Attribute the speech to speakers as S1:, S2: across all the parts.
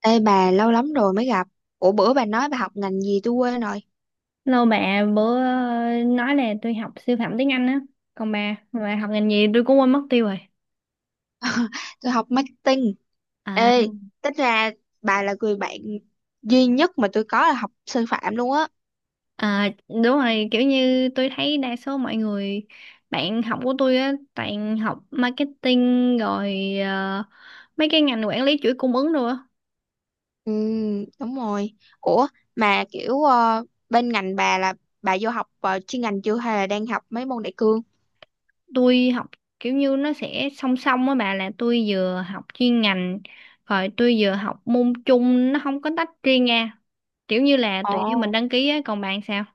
S1: Ê bà lâu lắm rồi mới gặp. Ủa bữa bà nói bà học ngành gì tôi quên rồi.
S2: Lâu bà bữa nói là tôi học siêu phẩm tiếng Anh á. Còn bà học ngành gì tôi cũng quên mất tiêu rồi.
S1: Tôi học marketing.
S2: À,
S1: Ê, tính ra bà là người bạn duy nhất mà tôi có là học sư phạm luôn á.
S2: à, đúng rồi, kiểu như tôi thấy đa số mọi người bạn học của tôi á toàn học marketing rồi mấy cái ngành quản lý chuỗi cung ứng rồi á.
S1: Ừ, đúng rồi. Ủa mà kiểu bên ngành bà là bà vô học chuyên ngành chưa hay là đang học mấy môn đại cương?
S2: Tôi học kiểu như nó sẽ song song á bà, là tôi vừa học chuyên ngành rồi tôi vừa học môn chung, nó không có tách riêng nha. Kiểu như là
S1: Ồ.
S2: tùy theo mình đăng ký á, còn bạn sao?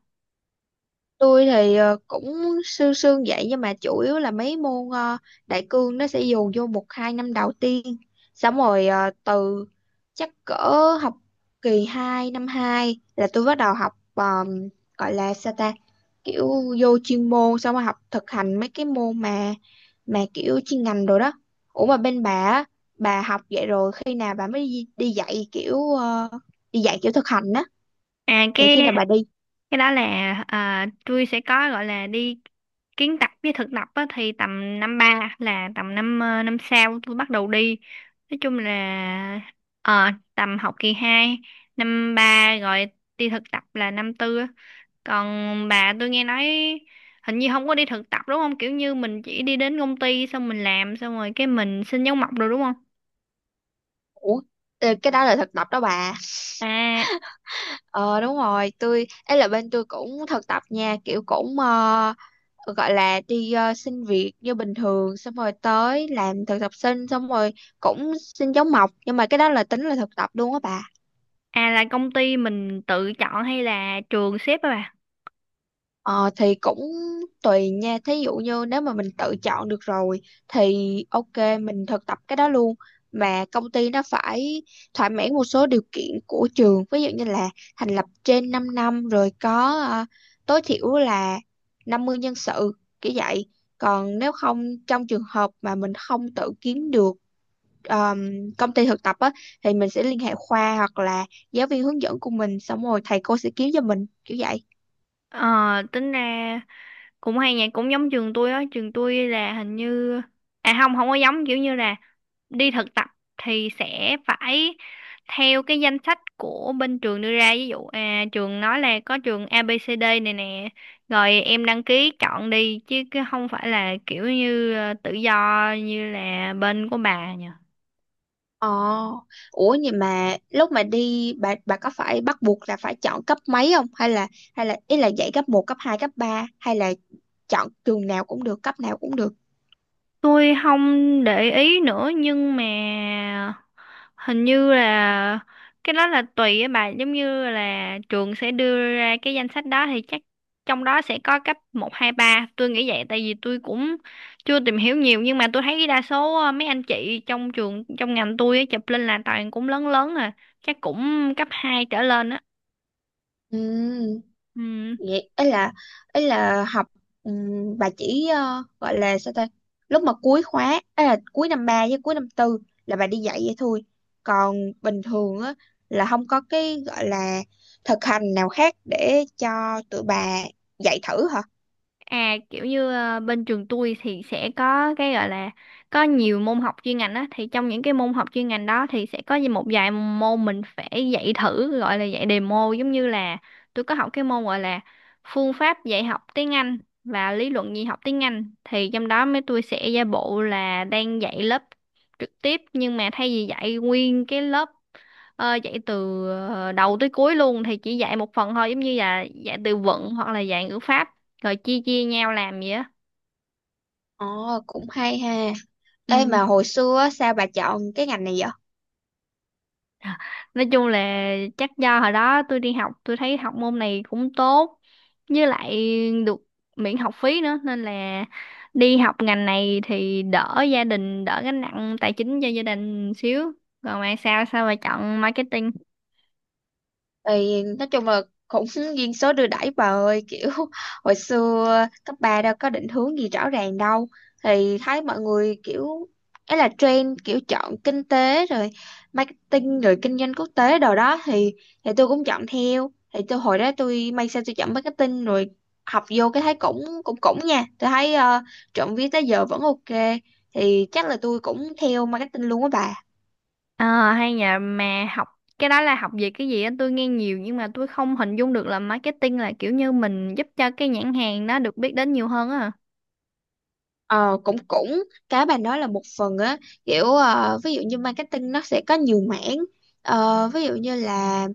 S1: Tôi thì cũng sương sương vậy nhưng mà chủ yếu là mấy môn đại cương nó sẽ dồn vô một hai năm đầu tiên, xong rồi từ chắc cỡ học kỳ 2 năm 2 là tôi bắt đầu học, gọi là sao ta, kiểu vô chuyên môn xong rồi học thực hành mấy cái môn mà kiểu chuyên ngành rồi đó. Ủa mà bên bà á, bà học vậy rồi khi nào bà mới đi dạy kiểu đi dạy kiểu thực hành á,
S2: À
S1: thì
S2: cái
S1: khi nào bà đi?
S2: cái đó là tôi sẽ có gọi là đi kiến tập với thực tập á, thì tầm năm ba là tầm năm năm sau tôi bắt đầu đi, nói chung là tầm học kỳ 2 năm ba rồi, đi thực tập là năm tư á. Còn bà, tôi nghe nói hình như không có đi thực tập đúng không, kiểu như mình chỉ đi đến công ty xong mình làm xong rồi cái mình xin dấu mộc rồi đúng không?
S1: Ủa cái đó là thực tập đó bà.
S2: à
S1: Ờ đúng rồi, tôi ấy là bên tôi cũng thực tập nha, kiểu cũng gọi là đi xin việc như bình thường xong rồi tới làm thực tập sinh, xong rồi cũng xin dấu mộc, nhưng mà cái đó là tính là thực tập luôn á bà.
S2: à là công ty mình tự chọn hay là trường xếp á bà?
S1: Ờ, thì cũng tùy nha, thí dụ như nếu mà mình tự chọn được rồi thì ok mình thực tập cái đó luôn, mà công ty nó phải thỏa mãn một số điều kiện của trường, ví dụ như là thành lập trên 5 năm, rồi có tối thiểu là 50 nhân sự kiểu vậy. Còn nếu không, trong trường hợp mà mình không tự kiếm được um, công ty thực tập á, thì mình sẽ liên hệ khoa hoặc là giáo viên hướng dẫn của mình, xong rồi thầy cô sẽ kiếm cho mình kiểu vậy.
S2: Ờ Tính ra cũng hay nhỉ, cũng giống trường tôi á, trường tôi là hình như à không, không có giống, kiểu như là đi thực tập thì sẽ phải theo cái danh sách của bên trường đưa ra, ví dụ à trường nói là có trường a ABCD này nè rồi em đăng ký chọn đi, chứ cái không phải là kiểu như tự do như là bên của bà nhỉ.
S1: Ờ, ủa vậy mà lúc mà đi bà có phải bắt buộc là phải chọn cấp mấy không, hay là ý là dạy cấp một cấp 2 cấp ba, hay là chọn trường nào cũng được, cấp nào cũng được.
S2: Tôi không để ý nữa nhưng mà hình như là cái đó là tùy á bà, giống như là trường sẽ đưa ra cái danh sách đó thì chắc trong đó sẽ có cấp một, hai, ba, tôi nghĩ vậy, tại vì tôi cũng chưa tìm hiểu nhiều, nhưng mà tôi thấy đa số mấy anh chị trong trường, trong ngành tôi á, chụp lên là toàn cũng lớn lớn à, chắc cũng cấp 2 trở lên á.
S1: Ừ,
S2: Ừ.
S1: vậy ý là học, bà chỉ gọi là sao ta? Lúc mà cuối khóa, ấy là cuối năm 3 với cuối năm tư, là bà đi dạy vậy thôi. Còn bình thường á là không có cái gọi là thực hành nào khác để cho tụi bà dạy thử hả?
S2: À kiểu như bên trường tôi thì sẽ có cái gọi là có nhiều môn học chuyên ngành á, thì trong những cái môn học chuyên ngành đó thì sẽ có một vài môn mình phải dạy thử, gọi là dạy demo, giống như là tôi có học cái môn gọi là phương pháp dạy học tiếng Anh và lý luận dạy học tiếng Anh, thì trong đó mấy tôi sẽ giả bộ là đang dạy lớp trực tiếp, nhưng mà thay vì dạy nguyên cái lớp dạy từ đầu tới cuối luôn thì chỉ dạy một phần thôi, giống như là dạy từ vựng hoặc là dạy ngữ pháp rồi chia chia nhau làm vậy á.
S1: Ồ, cũng hay ha. Ê
S2: Ừ.
S1: mà hồi xưa á, sao bà chọn cái ngành này vậy?
S2: Nói chung là chắc do hồi đó tôi đi học, tôi thấy học môn này cũng tốt, với lại được miễn học phí nữa, nên là đi học ngành này thì đỡ gia đình, đỡ gánh nặng tài chính cho gia đình xíu. Còn bạn sao, sao mà chọn marketing?
S1: Thì nói chung là cũng duyên số đưa đẩy bà ơi, kiểu hồi xưa cấp 3 đâu có định hướng gì rõ ràng đâu, thì thấy mọi người kiểu ấy là trend, kiểu chọn kinh tế rồi marketing rồi kinh doanh quốc tế đồ đó, thì tôi cũng chọn theo, thì tôi hồi đó tôi may sao tôi chọn marketing rồi học vô cái thấy cũng cũng cũng nha, tôi thấy trộm vía tới giờ vẫn ok, thì chắc là tôi cũng theo marketing luôn á bà.
S2: Ờ hay nhờ, mà học cái đó là học về cái gì á, tôi nghe nhiều nhưng mà tôi không hình dung được, là marketing là kiểu như mình giúp cho cái nhãn hàng nó được biết đến nhiều hơn á hả?
S1: Ờ cũng cũng cái bà nói là một phần á, kiểu ví dụ như marketing nó sẽ có nhiều mảng. Ờ, ví dụ như là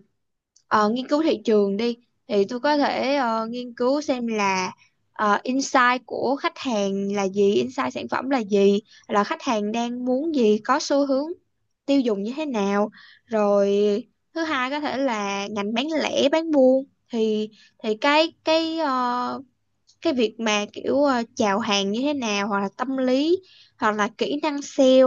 S1: nghiên cứu thị trường đi, thì tôi có thể nghiên cứu xem là insight của khách hàng là gì, insight sản phẩm là gì, là khách hàng đang muốn gì, có xu hướng tiêu dùng như thế nào. Rồi thứ hai có thể là ngành bán lẻ bán buôn, thì cái cái việc mà kiểu chào hàng như thế nào, hoặc là tâm lý, hoặc là kỹ năng sale,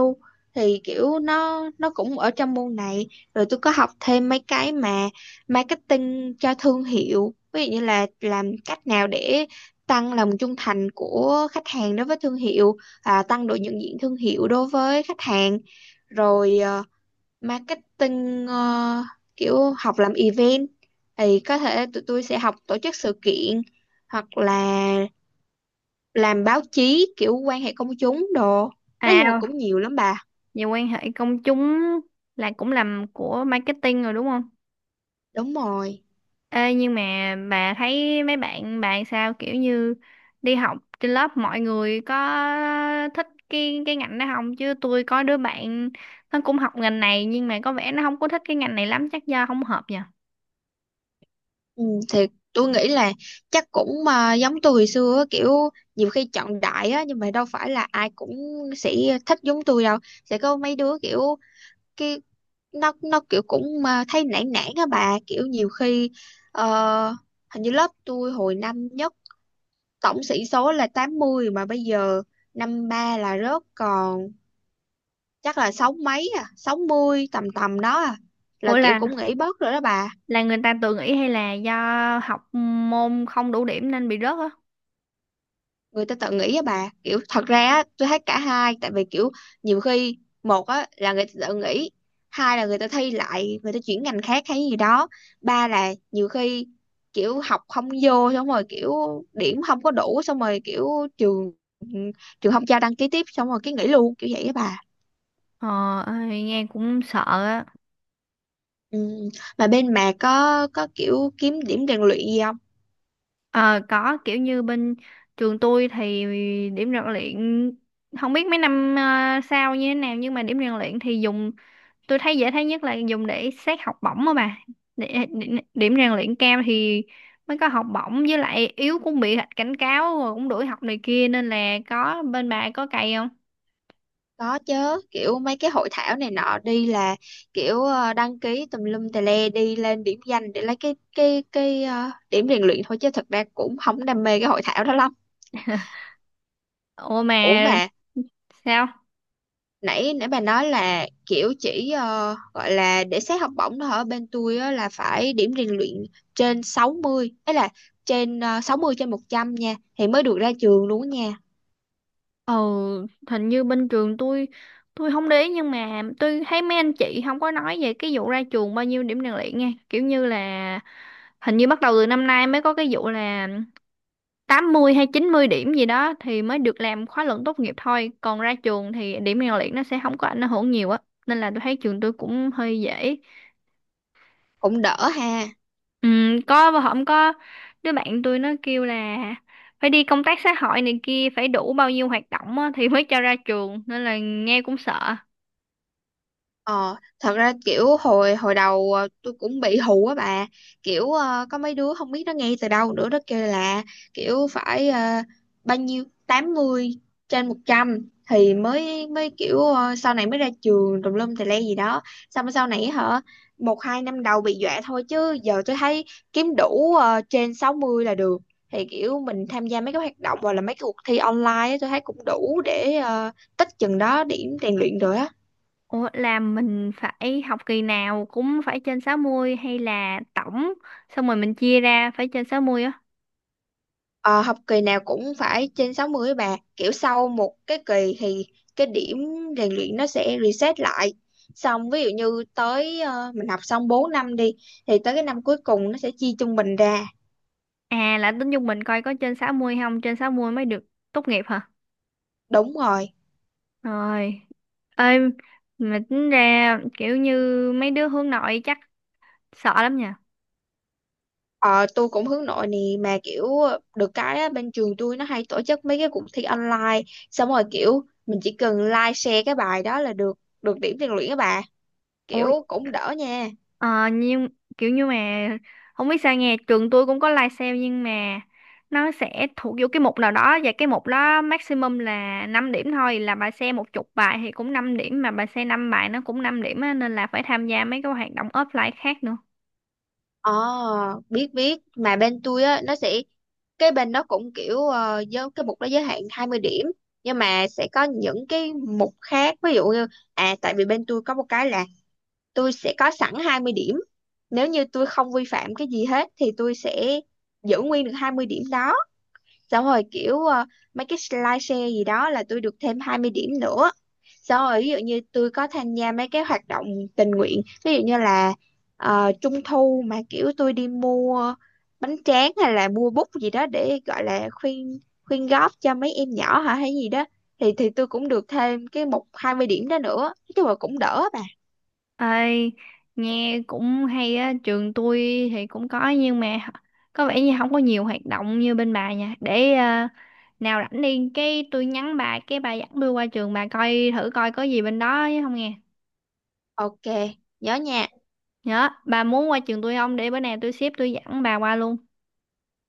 S1: thì kiểu nó cũng ở trong môn này. Rồi tôi có học thêm mấy cái mà marketing cho thương hiệu, ví dụ như là làm cách nào để tăng lòng trung thành của khách hàng đối với thương hiệu, à, tăng độ nhận diện thương hiệu đối với khách hàng, rồi marketing kiểu học làm event, thì có thể tụi tôi sẽ học tổ chức sự kiện hoặc là làm báo chí kiểu quan hệ công chúng đồ, nói chung là
S2: À,
S1: cũng nhiều lắm bà.
S2: về quan hệ công chúng là cũng làm của marketing rồi đúng không?
S1: Đúng rồi.
S2: Ê, nhưng mà bà thấy mấy bạn bạn sao, kiểu như đi học trên lớp mọi người có thích cái ngành đó không? Chứ tôi có đứa bạn nó cũng học ngành này nhưng mà có vẻ nó không có thích cái ngành này lắm, chắc do không hợp nhỉ?
S1: Ừ, thì tôi nghĩ là chắc cũng mà giống tôi hồi xưa á, kiểu nhiều khi chọn đại á, nhưng mà đâu phải là ai cũng sẽ thích giống tôi đâu. Sẽ có mấy đứa kiểu cái nó kiểu cũng mà thấy nản nản á bà, kiểu nhiều khi ờ, hình như lớp tôi hồi năm nhất tổng sĩ số là 80, mà bây giờ năm ba là rớt còn chắc là sáu mấy, à 60 tầm tầm đó à, là
S2: Ủa,
S1: kiểu
S2: là
S1: cũng nghỉ bớt rồi đó bà.
S2: là người ta tự nghĩ hay là do học môn không đủ điểm nên bị rớt á?
S1: Người ta tự nghỉ á bà, kiểu thật ra á tôi thấy cả hai, tại vì kiểu nhiều khi, một á là người ta tự nghỉ, hai là người ta thi lại, người ta chuyển ngành khác hay gì đó, ba là nhiều khi kiểu học không vô xong rồi kiểu điểm không có đủ, xong rồi kiểu trường trường không cho đăng ký tiếp, xong rồi cái nghỉ luôn kiểu vậy á bà.
S2: Ờ, ơi, nghe cũng sợ á.
S1: Ừ. Mà bên bà có kiểu kiếm điểm rèn luyện gì không?
S2: Ờ có, kiểu như bên trường tôi thì điểm rèn luyện, không biết mấy năm sau như thế nào, nhưng mà điểm rèn luyện thì dùng, tôi thấy dễ thấy nhất là dùng để xét học bổng á bà, để, điểm rèn luyện cao thì mới có học bổng, với lại yếu cũng bị cảnh cáo rồi cũng đuổi học này kia, nên là có, bên bà có cày không?
S1: Có chứ, kiểu mấy cái hội thảo này nọ đi là kiểu đăng ký tùm lum tè le, đi lên điểm danh để lấy cái điểm rèn luyện thôi, chứ thật ra cũng không đam mê cái hội thảo đó lắm.
S2: Ủa mà
S1: Ủa mà
S2: sao.
S1: nãy nãy bà nói là kiểu chỉ gọi là để xét học bổng đó, ở bên tôi á, là phải điểm rèn luyện trên 60, ấy là trên 60 trên 100 nha, thì mới được ra trường luôn á nha.
S2: Ờ, hình như bên trường tôi không để ý nhưng mà tôi thấy mấy anh chị không có nói về cái vụ ra trường bao nhiêu điểm rèn luyện nha. Kiểu như là hình như bắt đầu từ năm nay mới có cái vụ là 80 hay 90 điểm gì đó thì mới được làm khóa luận tốt nghiệp thôi. Còn ra trường thì điểm rèn luyện nó sẽ không có ảnh hưởng nhiều á. Nên là tôi thấy trường tôi cũng hơi dễ.
S1: Cũng đỡ ha.
S2: Ừ, có và không có, đứa bạn tôi nó kêu là phải đi công tác xã hội này kia, phải đủ bao nhiêu hoạt động á, thì mới cho ra trường, nên là nghe cũng sợ.
S1: Ờ, thật ra kiểu hồi hồi đầu tôi cũng bị hù á bà, kiểu có mấy đứa không biết nó nghe từ đâu nữa, nó kêu là kiểu phải bao nhiêu 80 trên 100 thì mới mới kiểu sau này mới ra trường tùm lum tè le gì đó, xong rồi sau này hả, một hai năm đầu bị dọa thôi, chứ giờ tôi thấy kiếm đủ trên 60 là được, thì kiểu mình tham gia mấy cái hoạt động hoặc là mấy cái cuộc thi online á, tôi thấy cũng đủ để tích chừng đó điểm rèn luyện rồi á.
S2: Ủa, là mình phải học kỳ nào cũng phải trên sáu mươi, hay là tổng xong rồi mình chia ra phải trên 60 á?
S1: Ờ, học kỳ nào cũng phải trên 60 bà, kiểu sau một cái kỳ thì cái điểm rèn luyện nó sẽ reset lại, xong ví dụ như tới mình học xong 4 năm đi, thì tới cái năm cuối cùng nó sẽ chia trung bình ra.
S2: À là tính chung mình coi có trên 60 không, trên 60 mới được tốt nghiệp hả?
S1: Đúng rồi.
S2: Rồi, ơi, mà tính ra kiểu như mấy đứa hướng nội chắc sợ lắm nhỉ.
S1: Ờ, tôi cũng hướng nội nè, mà kiểu được cái á, bên trường tôi nó hay tổ chức mấy cái cuộc thi online, xong rồi kiểu mình chỉ cần like share cái bài đó là được được điểm rèn luyện các bà,
S2: Ôi,
S1: kiểu cũng đỡ nha.
S2: ờ, nhưng kiểu như mà không biết sao nghe, trường tôi cũng có live sale nhưng mà nó sẽ thuộc vô cái mục nào đó, và cái mục đó maximum là 5 điểm thôi, là bà xem một chục bài thì cũng 5 điểm, mà bà xem 5 bài nó cũng 5 điểm á, nên là phải tham gia mấy cái hoạt động offline khác nữa.
S1: Ờ, biết biết, mà bên tôi á nó sẽ, cái bên nó cũng kiểu giới, cái mục đó giới hạn 20 điểm, nhưng mà sẽ có những cái mục khác, ví dụ như, à tại vì bên tôi có một cái là tôi sẽ có sẵn 20 điểm, nếu như tôi không vi phạm cái gì hết thì tôi sẽ giữ nguyên được 20 điểm đó, xong rồi kiểu mấy cái slideshare gì đó là tôi được thêm 20 điểm nữa, xong rồi ví dụ như tôi có tham gia mấy cái hoạt động tình nguyện, ví dụ như là trung thu mà kiểu tôi đi mua bánh tráng hay là mua bút gì đó để gọi là khuyên khuyên góp cho mấy em nhỏ hả hay gì đó, thì tôi cũng được thêm cái một 20 điểm đó nữa, nói chung là cũng đỡ bà.
S2: Ơi, nghe cũng hay á, trường tôi thì cũng có nhưng mà có vẻ như không có nhiều hoạt động như bên bà nha. Để nào rảnh đi cái tôi nhắn bà, cái bà dẫn tôi qua trường bà coi thử coi có gì bên đó chứ, không nghe.
S1: Ok nhớ nha.
S2: Nhớ, bà muốn qua trường tôi không, để bữa nào tôi xếp tôi dẫn bà qua luôn.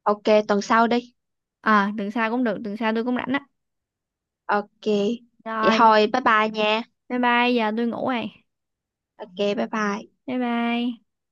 S1: Ok tuần sau đi.
S2: Ờ Tuần sau cũng được, tuần sau tôi cũng rảnh á.
S1: Ok vậy
S2: Rồi.
S1: thôi, bye bye nha.
S2: Bye bye, giờ tôi ngủ rồi.
S1: Ok bye bye.
S2: Bye bye.